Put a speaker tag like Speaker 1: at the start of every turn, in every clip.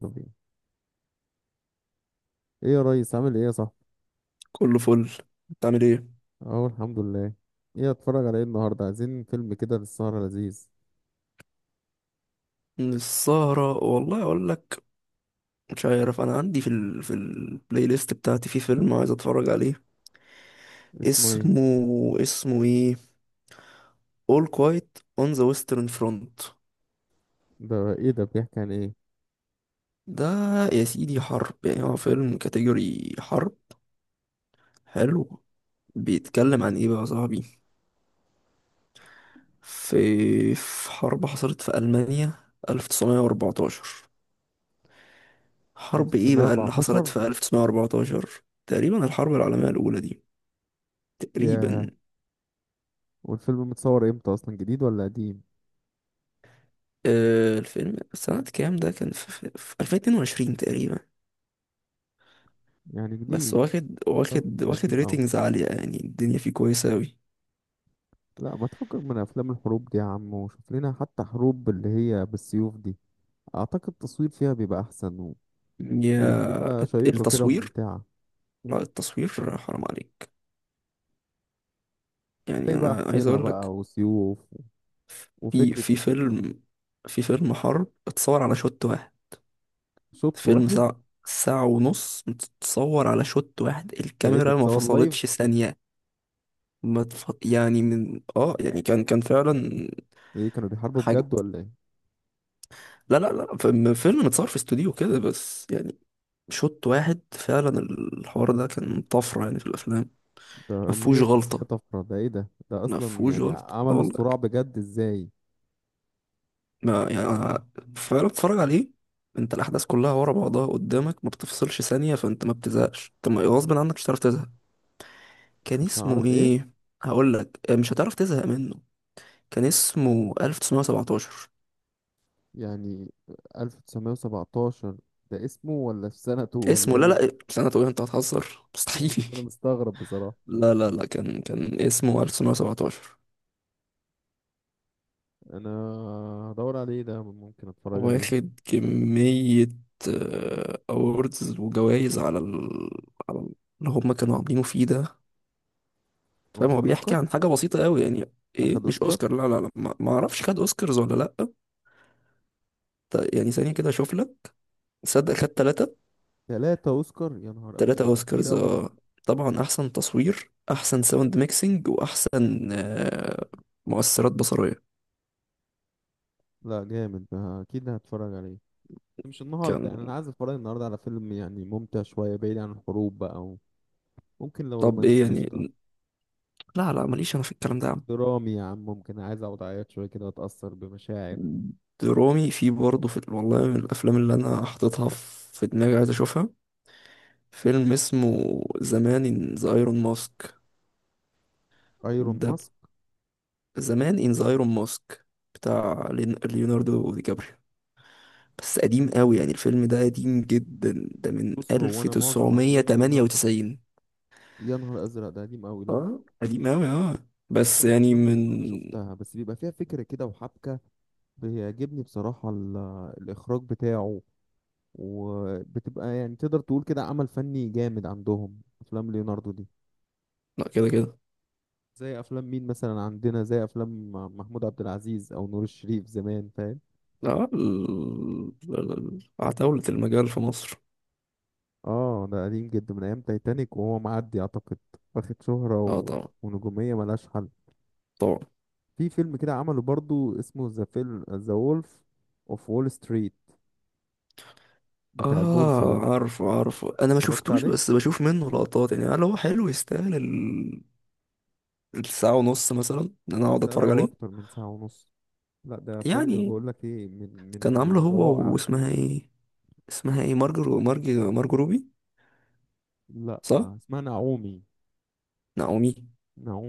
Speaker 1: طب ايه؟ إيه يا ريس، عامل ايه يا صاحبي؟
Speaker 2: كله فل. بتعمل ايه؟
Speaker 1: اهو، الحمد لله. ايه اتفرج على ايه النهارده؟ عايزين فيلم كده للسهرة لذيذ.
Speaker 2: من السهرة والله اقول لك، مش عارف انا عندي في البلاي ليست بتاعتي في فيلم عايز اتفرج عليه.
Speaker 1: اسمه ايه؟
Speaker 2: اسمه، اسمه ايه؟ All Quiet on the Western Front.
Speaker 1: ده ايه ده؟ بيحكي عن ايه؟
Speaker 2: ده يا سيدي حرب، يعني هو فيلم كاتيجوري حرب حلو. بيتكلم عن ايه بقى يا صاحبي؟ في حرب حصلت في ألمانيا 1914. حرب ايه بقى اللي حصلت
Speaker 1: 1914؟
Speaker 2: في 1914؟ تقريبا الحرب العالمية الأولى دي.
Speaker 1: ياه.
Speaker 2: تقريبا
Speaker 1: والفيلم متصور امتى اصلا؟ جديد ولا قديم؟
Speaker 2: آه، الفيلم سنة كام ده؟ كان في 2022 تقريبا.
Speaker 1: يعني
Speaker 2: بس
Speaker 1: جديد.
Speaker 2: واخد
Speaker 1: برضه مش قديم اوي.
Speaker 2: ريتنجز عالية، يعني الدنيا فيه كويسة أوي.
Speaker 1: لا، ما تفكك من افلام الحروب دي يا عم، وشوف لنا حتى حروب اللي هي بالسيوف دي. اعتقد التصوير فيها بيبقى احسن
Speaker 2: يا
Speaker 1: وبتبقى شيقة كده
Speaker 2: التصوير،
Speaker 1: وممتعة.
Speaker 2: لا التصوير حرام عليك. يعني
Speaker 1: تلاقي بقى
Speaker 2: أنا عايز
Speaker 1: حصينة
Speaker 2: أقول لك،
Speaker 1: بقى وسيوف
Speaker 2: في
Speaker 1: وفكرة.
Speaker 2: في فيلم في فيلم حرب اتصور على شوت واحد.
Speaker 1: شوط
Speaker 2: فيلم
Speaker 1: واحد.
Speaker 2: ساعة، ساعة ونص متصور على شوت واحد،
Speaker 1: ده ايه ده،
Speaker 2: الكاميرا ما
Speaker 1: اتصور لايف؟
Speaker 2: فصلتش ثانية. ما تف... يعني من اه يعني كان فعلا
Speaker 1: ده ايه، كانوا بيحاربوا
Speaker 2: حاجة.
Speaker 1: بجد ولا ايه؟
Speaker 2: لا لا لا، فيلم متصور في استوديو كده، بس يعني شوط واحد فعلا. الحوار ده كان طفرة يعني في الأفلام.
Speaker 1: ده
Speaker 2: ما
Speaker 1: مية
Speaker 2: فيهوش
Speaker 1: في المية
Speaker 2: غلطة،
Speaker 1: طفرة. ده ايه ده؟ ده
Speaker 2: ما
Speaker 1: اصلا
Speaker 2: فيهوش
Speaker 1: يعني
Speaker 2: غلطة آه
Speaker 1: عملوا
Speaker 2: والله.
Speaker 1: الصراع بجد ازاي؟
Speaker 2: ما يعني أنا فعلا بتتفرج عليه، انت الأحداث كلها ورا بعضها قدامك، ما بتفصلش ثانية، فانت ما بتزهقش. انت ما- غصب عنك مش هتعرف تزهق. كان
Speaker 1: مش هعرف
Speaker 2: اسمه
Speaker 1: ايه.
Speaker 2: ايه؟ هقول لك. آه، مش هتعرف تزهق منه. كان اسمه 1917.
Speaker 1: يعني 1917، ده اسمه ولا في سنته ولا
Speaker 2: اسمه؟ لا
Speaker 1: ايه؟
Speaker 2: لا، سنة ايه؟ انت هتهزر؟ مستحيل.
Speaker 1: بس انا مستغرب بصراحة.
Speaker 2: لا لا لا، كان اسمه 1917.
Speaker 1: انا هدور عليه، ده ممكن اتفرج عليه.
Speaker 2: واخد كمية أوردز وجوائز على على ال- اللي هم كانوا عاملينه فيه ده، فاهم؟
Speaker 1: واخد
Speaker 2: هو بيحكي
Speaker 1: اوسكار؟
Speaker 2: عن حاجة بسيطة أوي يعني. إيه،
Speaker 1: اخد
Speaker 2: مش
Speaker 1: اوسكار.
Speaker 2: أوسكار، لا لا لا، ما أعرفش، خد أوسكارز ولا لأ. يعني ثانية كده أشوف لك. صدق، خد تلاتة.
Speaker 1: 3 اوسكار؟ يا نهار
Speaker 2: تلاتة
Speaker 1: ازرق، ده كتير
Speaker 2: أوسكارز،
Speaker 1: قوي.
Speaker 2: آه. طبعا أحسن تصوير، أحسن ساوند ميكسينج، وأحسن آه، مؤثرات بصرية.
Speaker 1: لا جامد، ده اكيد هتفرج عليه. مش
Speaker 2: كان.
Speaker 1: النهارده، يعني انا عايز اتفرج النهارده على فيلم يعني ممتع شويه بعيد عن الحروب بقى. ممكن لو
Speaker 2: طب إيه
Speaker 1: رومانسي قشطة.
Speaker 2: يعني؟ لا لا، ماليش أنا في الكلام ده.
Speaker 1: درامي يا عم، ممكن عايز اقعد اعيط شوية كده واتأثر بمشاعر.
Speaker 2: درامي؟ في، برضه في والله من الافلام اللي انا حاططها في دماغي، عايز اشوفها. فيلم اسمه زمان ان ذا ايرون ماسك.
Speaker 1: ايرون
Speaker 2: ده ب-
Speaker 1: ماسك؟
Speaker 2: زمان ان ذا ايرون ماسك، بتاع ليوناردو دي كابريو. بس قديم قوي يعني، الفيلم ده قديم جدا، ده من
Speaker 1: بص، هو انا معظم افلام ليوناردو.
Speaker 2: 1998.
Speaker 1: يا نهار ازرق، ده قديم قوي، لا.
Speaker 2: اه قديم قوي اه.
Speaker 1: بس
Speaker 2: بس
Speaker 1: معظم
Speaker 2: يعني
Speaker 1: افلام
Speaker 2: من.
Speaker 1: ليوناردو شفتها، بس بيبقى فيها فكرة كده وحبكة. بيعجبني بصراحة الاخراج بتاعه. وبتبقى يعني تقدر تقول كده عمل فني جامد، عندهم افلام ليوناردو دي.
Speaker 2: لا، كده كده.
Speaker 1: زي افلام مين مثلا عندنا؟ زي افلام محمود عبد العزيز او نور الشريف زمان، فاهم؟
Speaker 2: لا عتاولة المجال في مصر.
Speaker 1: اه، ده قديم جدا، من ايام تايتانيك وهو معدي اعتقد. واخد شهرة
Speaker 2: اه طبعا.
Speaker 1: ونجومية ملهاش حل.
Speaker 2: طبعا.
Speaker 1: في فيلم كده عمله برضو اسمه ذا وولف اوف وول ستريت، بتاع البورصة
Speaker 2: اه
Speaker 1: ده.
Speaker 2: عارفه عارفه، انا ما
Speaker 1: اتفرجت
Speaker 2: شفتوش
Speaker 1: عليه.
Speaker 2: بس بشوف منه لقطات. يعني هل هو حلو، يستاهل الساعة ونص مثلا، ان انا اقعد
Speaker 1: سنة
Speaker 2: اتفرج
Speaker 1: او
Speaker 2: عليه؟
Speaker 1: اكتر من ساعة ونص. لا ده فيلم،
Speaker 2: يعني
Speaker 1: بقول لك ايه، من
Speaker 2: كان عامله هو
Speaker 1: الروائع.
Speaker 2: واسمها ايه؟ اسمها ايه، مارجو مارجو روبي؟
Speaker 1: لا
Speaker 2: صح،
Speaker 1: اسمها نعومي.
Speaker 2: نعومي.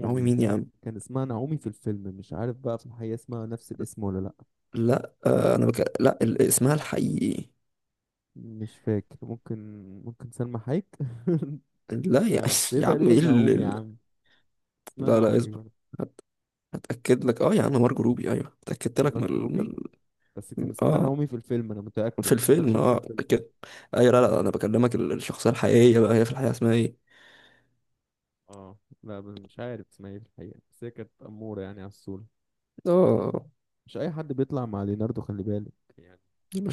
Speaker 2: نعومي مين يا عم؟
Speaker 1: كان اسمها نعومي في الفيلم، مش عارف بقى في الحقيقة اسمها نفس الاسم ولا لا.
Speaker 2: لا آه، انا بك... لا ال... اسمها الحقيقي.
Speaker 1: مش فاكر، ممكن. ممكن سلمى حايك.
Speaker 2: لا
Speaker 1: مش
Speaker 2: يا،
Speaker 1: عارف، بس هي
Speaker 2: يا عم،
Speaker 1: تقريبا
Speaker 2: ايه
Speaker 1: نعومي يا عم. اسمها
Speaker 2: لا لا،
Speaker 1: نعومي
Speaker 2: اصبر،
Speaker 1: بقى.
Speaker 2: هتأكد لك. اه يا عم مارجو روبي، ايوه، اتأكدت لك من
Speaker 1: مارك روبي. بس
Speaker 2: من
Speaker 1: كان اسمها
Speaker 2: اه.
Speaker 1: نعومي في الفيلم، انا
Speaker 2: في
Speaker 1: متأكد. انا
Speaker 2: الفيلم
Speaker 1: شفت
Speaker 2: اه
Speaker 1: الفيلم.
Speaker 2: كده. اي لا لا، انا بكلمك الشخصيه الحقيقيه بقى، هي في الحقيقه اسمها ايه؟
Speaker 1: اه لا، بس مش عارف اسمها ايه في الحقيقة، بس هي كانت أمورة يعني على الصورة.
Speaker 2: اه،
Speaker 1: مش اي حد بيطلع مع ليناردو، خلي بالك. يعني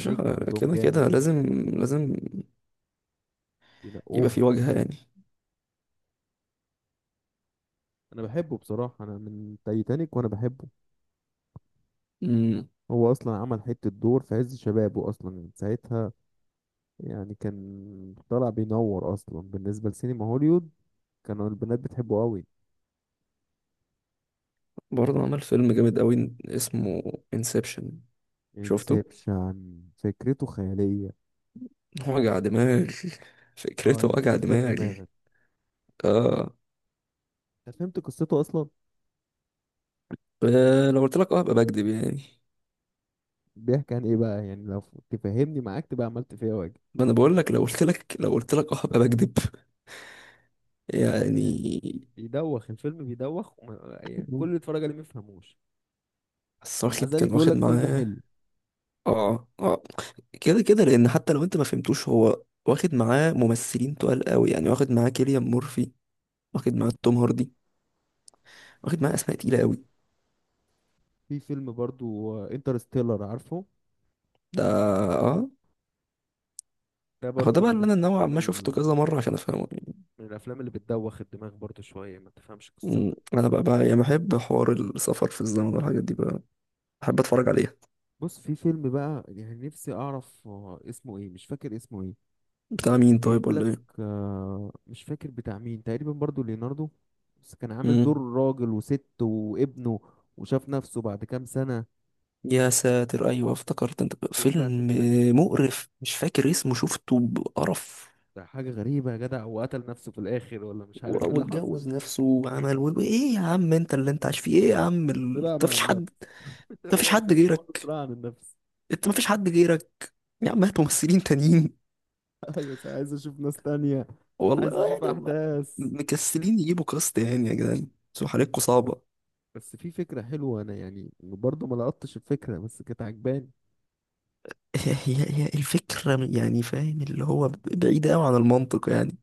Speaker 1: ده نجم عندهم
Speaker 2: كده
Speaker 1: جامد
Speaker 2: كده
Speaker 1: يعني.
Speaker 2: لازم. لازم يبقى
Speaker 1: بينقوهم.
Speaker 2: في وجهه يعني.
Speaker 1: انا بحبه بصراحة، انا من تايتانيك وانا بحبه.
Speaker 2: امم.
Speaker 1: هو اصلا عمل حتة دور في عز شبابه اصلا من ساعتها. يعني كان طالع بينور اصلا بالنسبة لسينما هوليوود. كانوا البنات بتحبه قوي.
Speaker 2: برضه عمل فيلم جامد قوي اسمه انسبشن. شفته،
Speaker 1: انسبشن فكرته خيالية.
Speaker 2: وجع دماغ.
Speaker 1: اه،
Speaker 2: فكرته وجع
Speaker 1: يلفف لك
Speaker 2: دماغ.
Speaker 1: دماغك.
Speaker 2: اه.
Speaker 1: انت فهمت قصته اصلا؟
Speaker 2: آه، لو قلت لك اه ابقى بكذب يعني.
Speaker 1: بيحكي عن ايه بقى يعني، لو تفهمني معاك تبقى عملت فيها واجب.
Speaker 2: ما انا بقول لك، لو قلت لك، لو قلت لك اه ابقى بكذب
Speaker 1: يعني
Speaker 2: يعني.
Speaker 1: بيدوخ الفيلم بيدوخ، وما يعني كل اللي اتفرج عليه ما يفهموش.
Speaker 2: بس
Speaker 1: ومع
Speaker 2: واخد، كان
Speaker 1: ذلك يقول
Speaker 2: واخد
Speaker 1: لك فيلم
Speaker 2: معاه.
Speaker 1: حلو.
Speaker 2: اه اه، كده كده. لان حتى لو انت ما فهمتوش، هو واخد معاه ممثلين تقال قوي يعني. واخد معاه كيليان مورفي، واخد معاه توم هاردي، واخد معاه اسماء تقيله قوي.
Speaker 1: في فيلم برضو انترستيلر، عارفه؟
Speaker 2: ده اه.
Speaker 1: ده
Speaker 2: هو
Speaker 1: برضو
Speaker 2: ده بقى اللي انا نوعا ما شفته كذا مره عشان افهمه يعني.
Speaker 1: من الافلام اللي بتدوخ الدماغ برضو شويه ما تفهمش قصته.
Speaker 2: أمم، انا بقى يعني بحب حوار السفر في الزمن والحاجات دي بقى، بحب اتفرج عليها.
Speaker 1: بص، في فيلم بقى يعني نفسي اعرف اسمه ايه، مش فاكر اسمه ايه.
Speaker 2: بتاع
Speaker 1: كان
Speaker 2: مين
Speaker 1: جايب
Speaker 2: طيب،
Speaker 1: لك.
Speaker 2: ولا ايه؟
Speaker 1: مش فاكر بتاع مين، تقريبا برضو ليوناردو. بس كان عامل دور
Speaker 2: أمم،
Speaker 1: راجل وست وابنه. وشاف نفسه بعد كام سنة.
Speaker 2: يا ساتر، ايوه افتكرت انت
Speaker 1: وايه بقى انت
Speaker 2: فيلم
Speaker 1: ده؟
Speaker 2: مقرف، مش فاكر اسمه، شفته بقرف.
Speaker 1: ده حاجة غريبة يا جدع، وقتل نفسه في الآخر ولا مش عارف ايه اللي حصل.
Speaker 2: واتجوز نفسه وعمل ايه يا عم، انت اللي انت عايش فيه ايه يا عم؟
Speaker 1: صراع
Speaker 2: انت
Speaker 1: مع
Speaker 2: مفيش حد،
Speaker 1: النفس.
Speaker 2: انت مفيش
Speaker 1: هو
Speaker 2: حد
Speaker 1: الفيلم كله
Speaker 2: غيرك،
Speaker 1: صراع عن النفس.
Speaker 2: انت مفيش حد غيرك. يا عم هات ممثلين تانيين.
Speaker 1: ايوه، بس عايز اشوف ناس تانية.
Speaker 2: والله
Speaker 1: عايز
Speaker 2: آه،
Speaker 1: اشوف
Speaker 2: يعني هم
Speaker 1: احداث.
Speaker 2: مكسلين يجيبوا كاست يعني يا جدعان، بس حالتكوا صعبة.
Speaker 1: بس في فكرة حلوة، انا يعني برضو ما لقطتش الفكرة، بس كانت عجباني.
Speaker 2: هي الفكرة يعني فاهم، اللي هو بعيدة أوي عن المنطق يعني.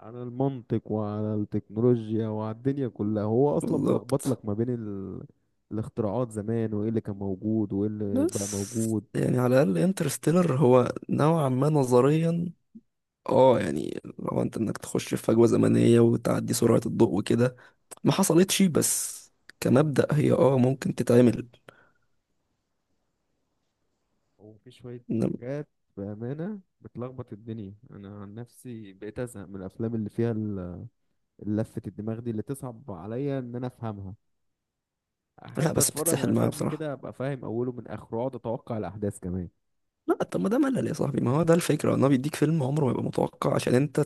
Speaker 1: على المنطق وعلى التكنولوجيا وعلى الدنيا كلها، هو اصلا ملخبط لك
Speaker 2: بالظبط.
Speaker 1: ما بين الاختراعات زمان، وايه اللي كان موجود وايه اللي بقى
Speaker 2: بس
Speaker 1: موجود.
Speaker 2: يعني على الأقل انترستيلر هو نوعا ما نظريا، اه يعني لو انك تخش في فجوة زمنية وتعدي سرعة الضوء وكده، ما حصلتش بس كمبدأ هي اه ممكن تتعمل.
Speaker 1: وفي شوية
Speaker 2: إنما-
Speaker 1: حاجات، بأمانة بتلخبط الدنيا. انا عن نفسي بقيت ازهق من الافلام اللي فيها لفة الدماغ دي، اللي تصعب عليا ان انا افهمها.
Speaker 2: لا
Speaker 1: احب
Speaker 2: بس
Speaker 1: اتفرج
Speaker 2: بتتسحل
Speaker 1: على
Speaker 2: معايا
Speaker 1: فيلم
Speaker 2: بصراحة.
Speaker 1: كده، ابقى فاهم اوله من اخره، اقعد اتوقع الاحداث كمان.
Speaker 2: لا، طب ما ده ملل يا صاحبي. ما هو ده الفكرة، ان هو بيديك فيلم عمره ما يبقى متوقع، عشان انت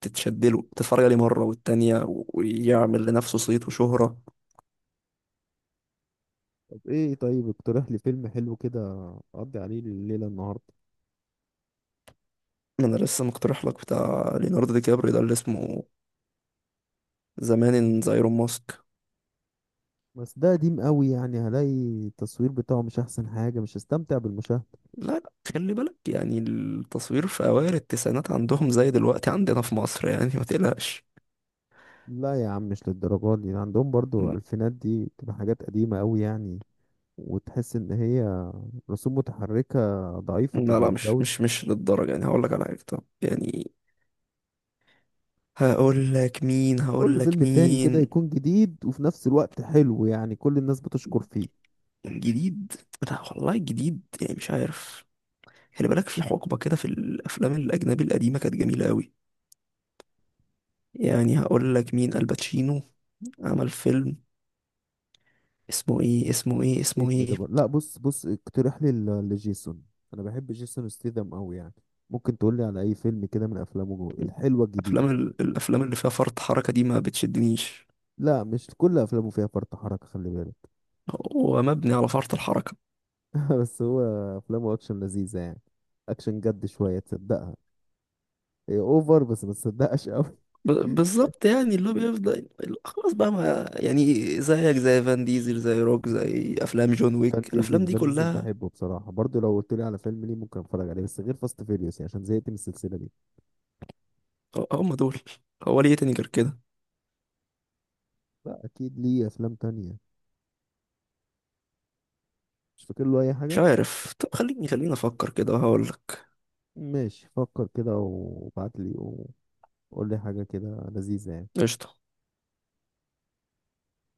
Speaker 2: تتشدله تتفرج عليه مرة والتانية، ويعمل لنفسه صيت وشهرة.
Speaker 1: طب ايه؟ طيب اقترح لي فيلم حلو كده. اقضي عليه الليلة النهاردة.
Speaker 2: انا لسه مقترح لك بتاع ليوناردو دي كابريو ده اللي اسمه زمان ان ذا ايرون ماسك.
Speaker 1: بس ده قديم قوي، يعني هلاقي التصوير بتاعه مش احسن حاجة، مش هستمتع بالمشاهدة.
Speaker 2: لا لا، خلي بالك، يعني التصوير في أوائل التسعينات عندهم زي دلوقتي عندنا في مصر يعني، ما تقلقش.
Speaker 1: لا يا عم، مش للدرجة دي، عندهم برضو الفينات دي بتبقى حاجات قديمة قوي يعني. وتحس ان هي رسوم متحركة ضعيفة
Speaker 2: لا لا، مش
Speaker 1: الجودة.
Speaker 2: مش مش للدرجة يعني. هقول لك على حاجة، طب يعني. هقول لك مين،
Speaker 1: قول لي
Speaker 2: هقول لك
Speaker 1: فيلم تاني كده
Speaker 2: مين.
Speaker 1: يكون جديد وفي نفس الوقت حلو، يعني كل الناس بتشكر فيه.
Speaker 2: جديد. لا والله جديد يعني مش عارف. خلي بالك، في حقبة كده في الأفلام الأجنبي القديمة كانت جميلة أوي. يعني هقول لك مين، الباتشينو، عمل فيلم اسمه إيه، اسمه
Speaker 1: نجم ده
Speaker 2: إيه.
Speaker 1: بقى. لا، بص بص اقترح لي لجيسون. انا بحب جيسون ستيثم قوي يعني. ممكن تقول لي على اي فيلم كده من افلامه الحلوة الجديدة؟
Speaker 2: أفلام الأفلام اللي فيها فرط حركة دي ما بتشدنيش،
Speaker 1: لا، مش كل افلامه فيها فرط حركة، خلي بالك.
Speaker 2: هو مبني على فرط الحركة.
Speaker 1: بس هو افلامه اكشن لذيذه يعني. اكشن جد شويه تصدقها. هي اوفر بس ما تصدقش قوي
Speaker 2: بالظبط، يعني اللي هو بيفضل، اللي هو خلاص بقى، ما يعني زيك زي فان ديزل، زي روك، زي أفلام جون
Speaker 1: فان
Speaker 2: ويك، الأفلام
Speaker 1: ديزل
Speaker 2: دي
Speaker 1: فان ديزل
Speaker 2: كلها.
Speaker 1: بحبه بصراحه، برضو لو قلت لي على فيلم ليه ممكن اتفرج عليه، بس غير فاست فيريوس، يعني عشان زهقت من السلسله دي.
Speaker 2: هم دول، هو ليه تاني غير كده؟
Speaker 1: لا اكيد ليه افلام تانية. مش فاكر له اي
Speaker 2: مش
Speaker 1: حاجه.
Speaker 2: عارف. طب خليني أفكر كده وهقول لك.
Speaker 1: ماشي، فكر كده وابعت لي. وقول لي حاجه كده لذيذه يعني.
Speaker 2: قشطة.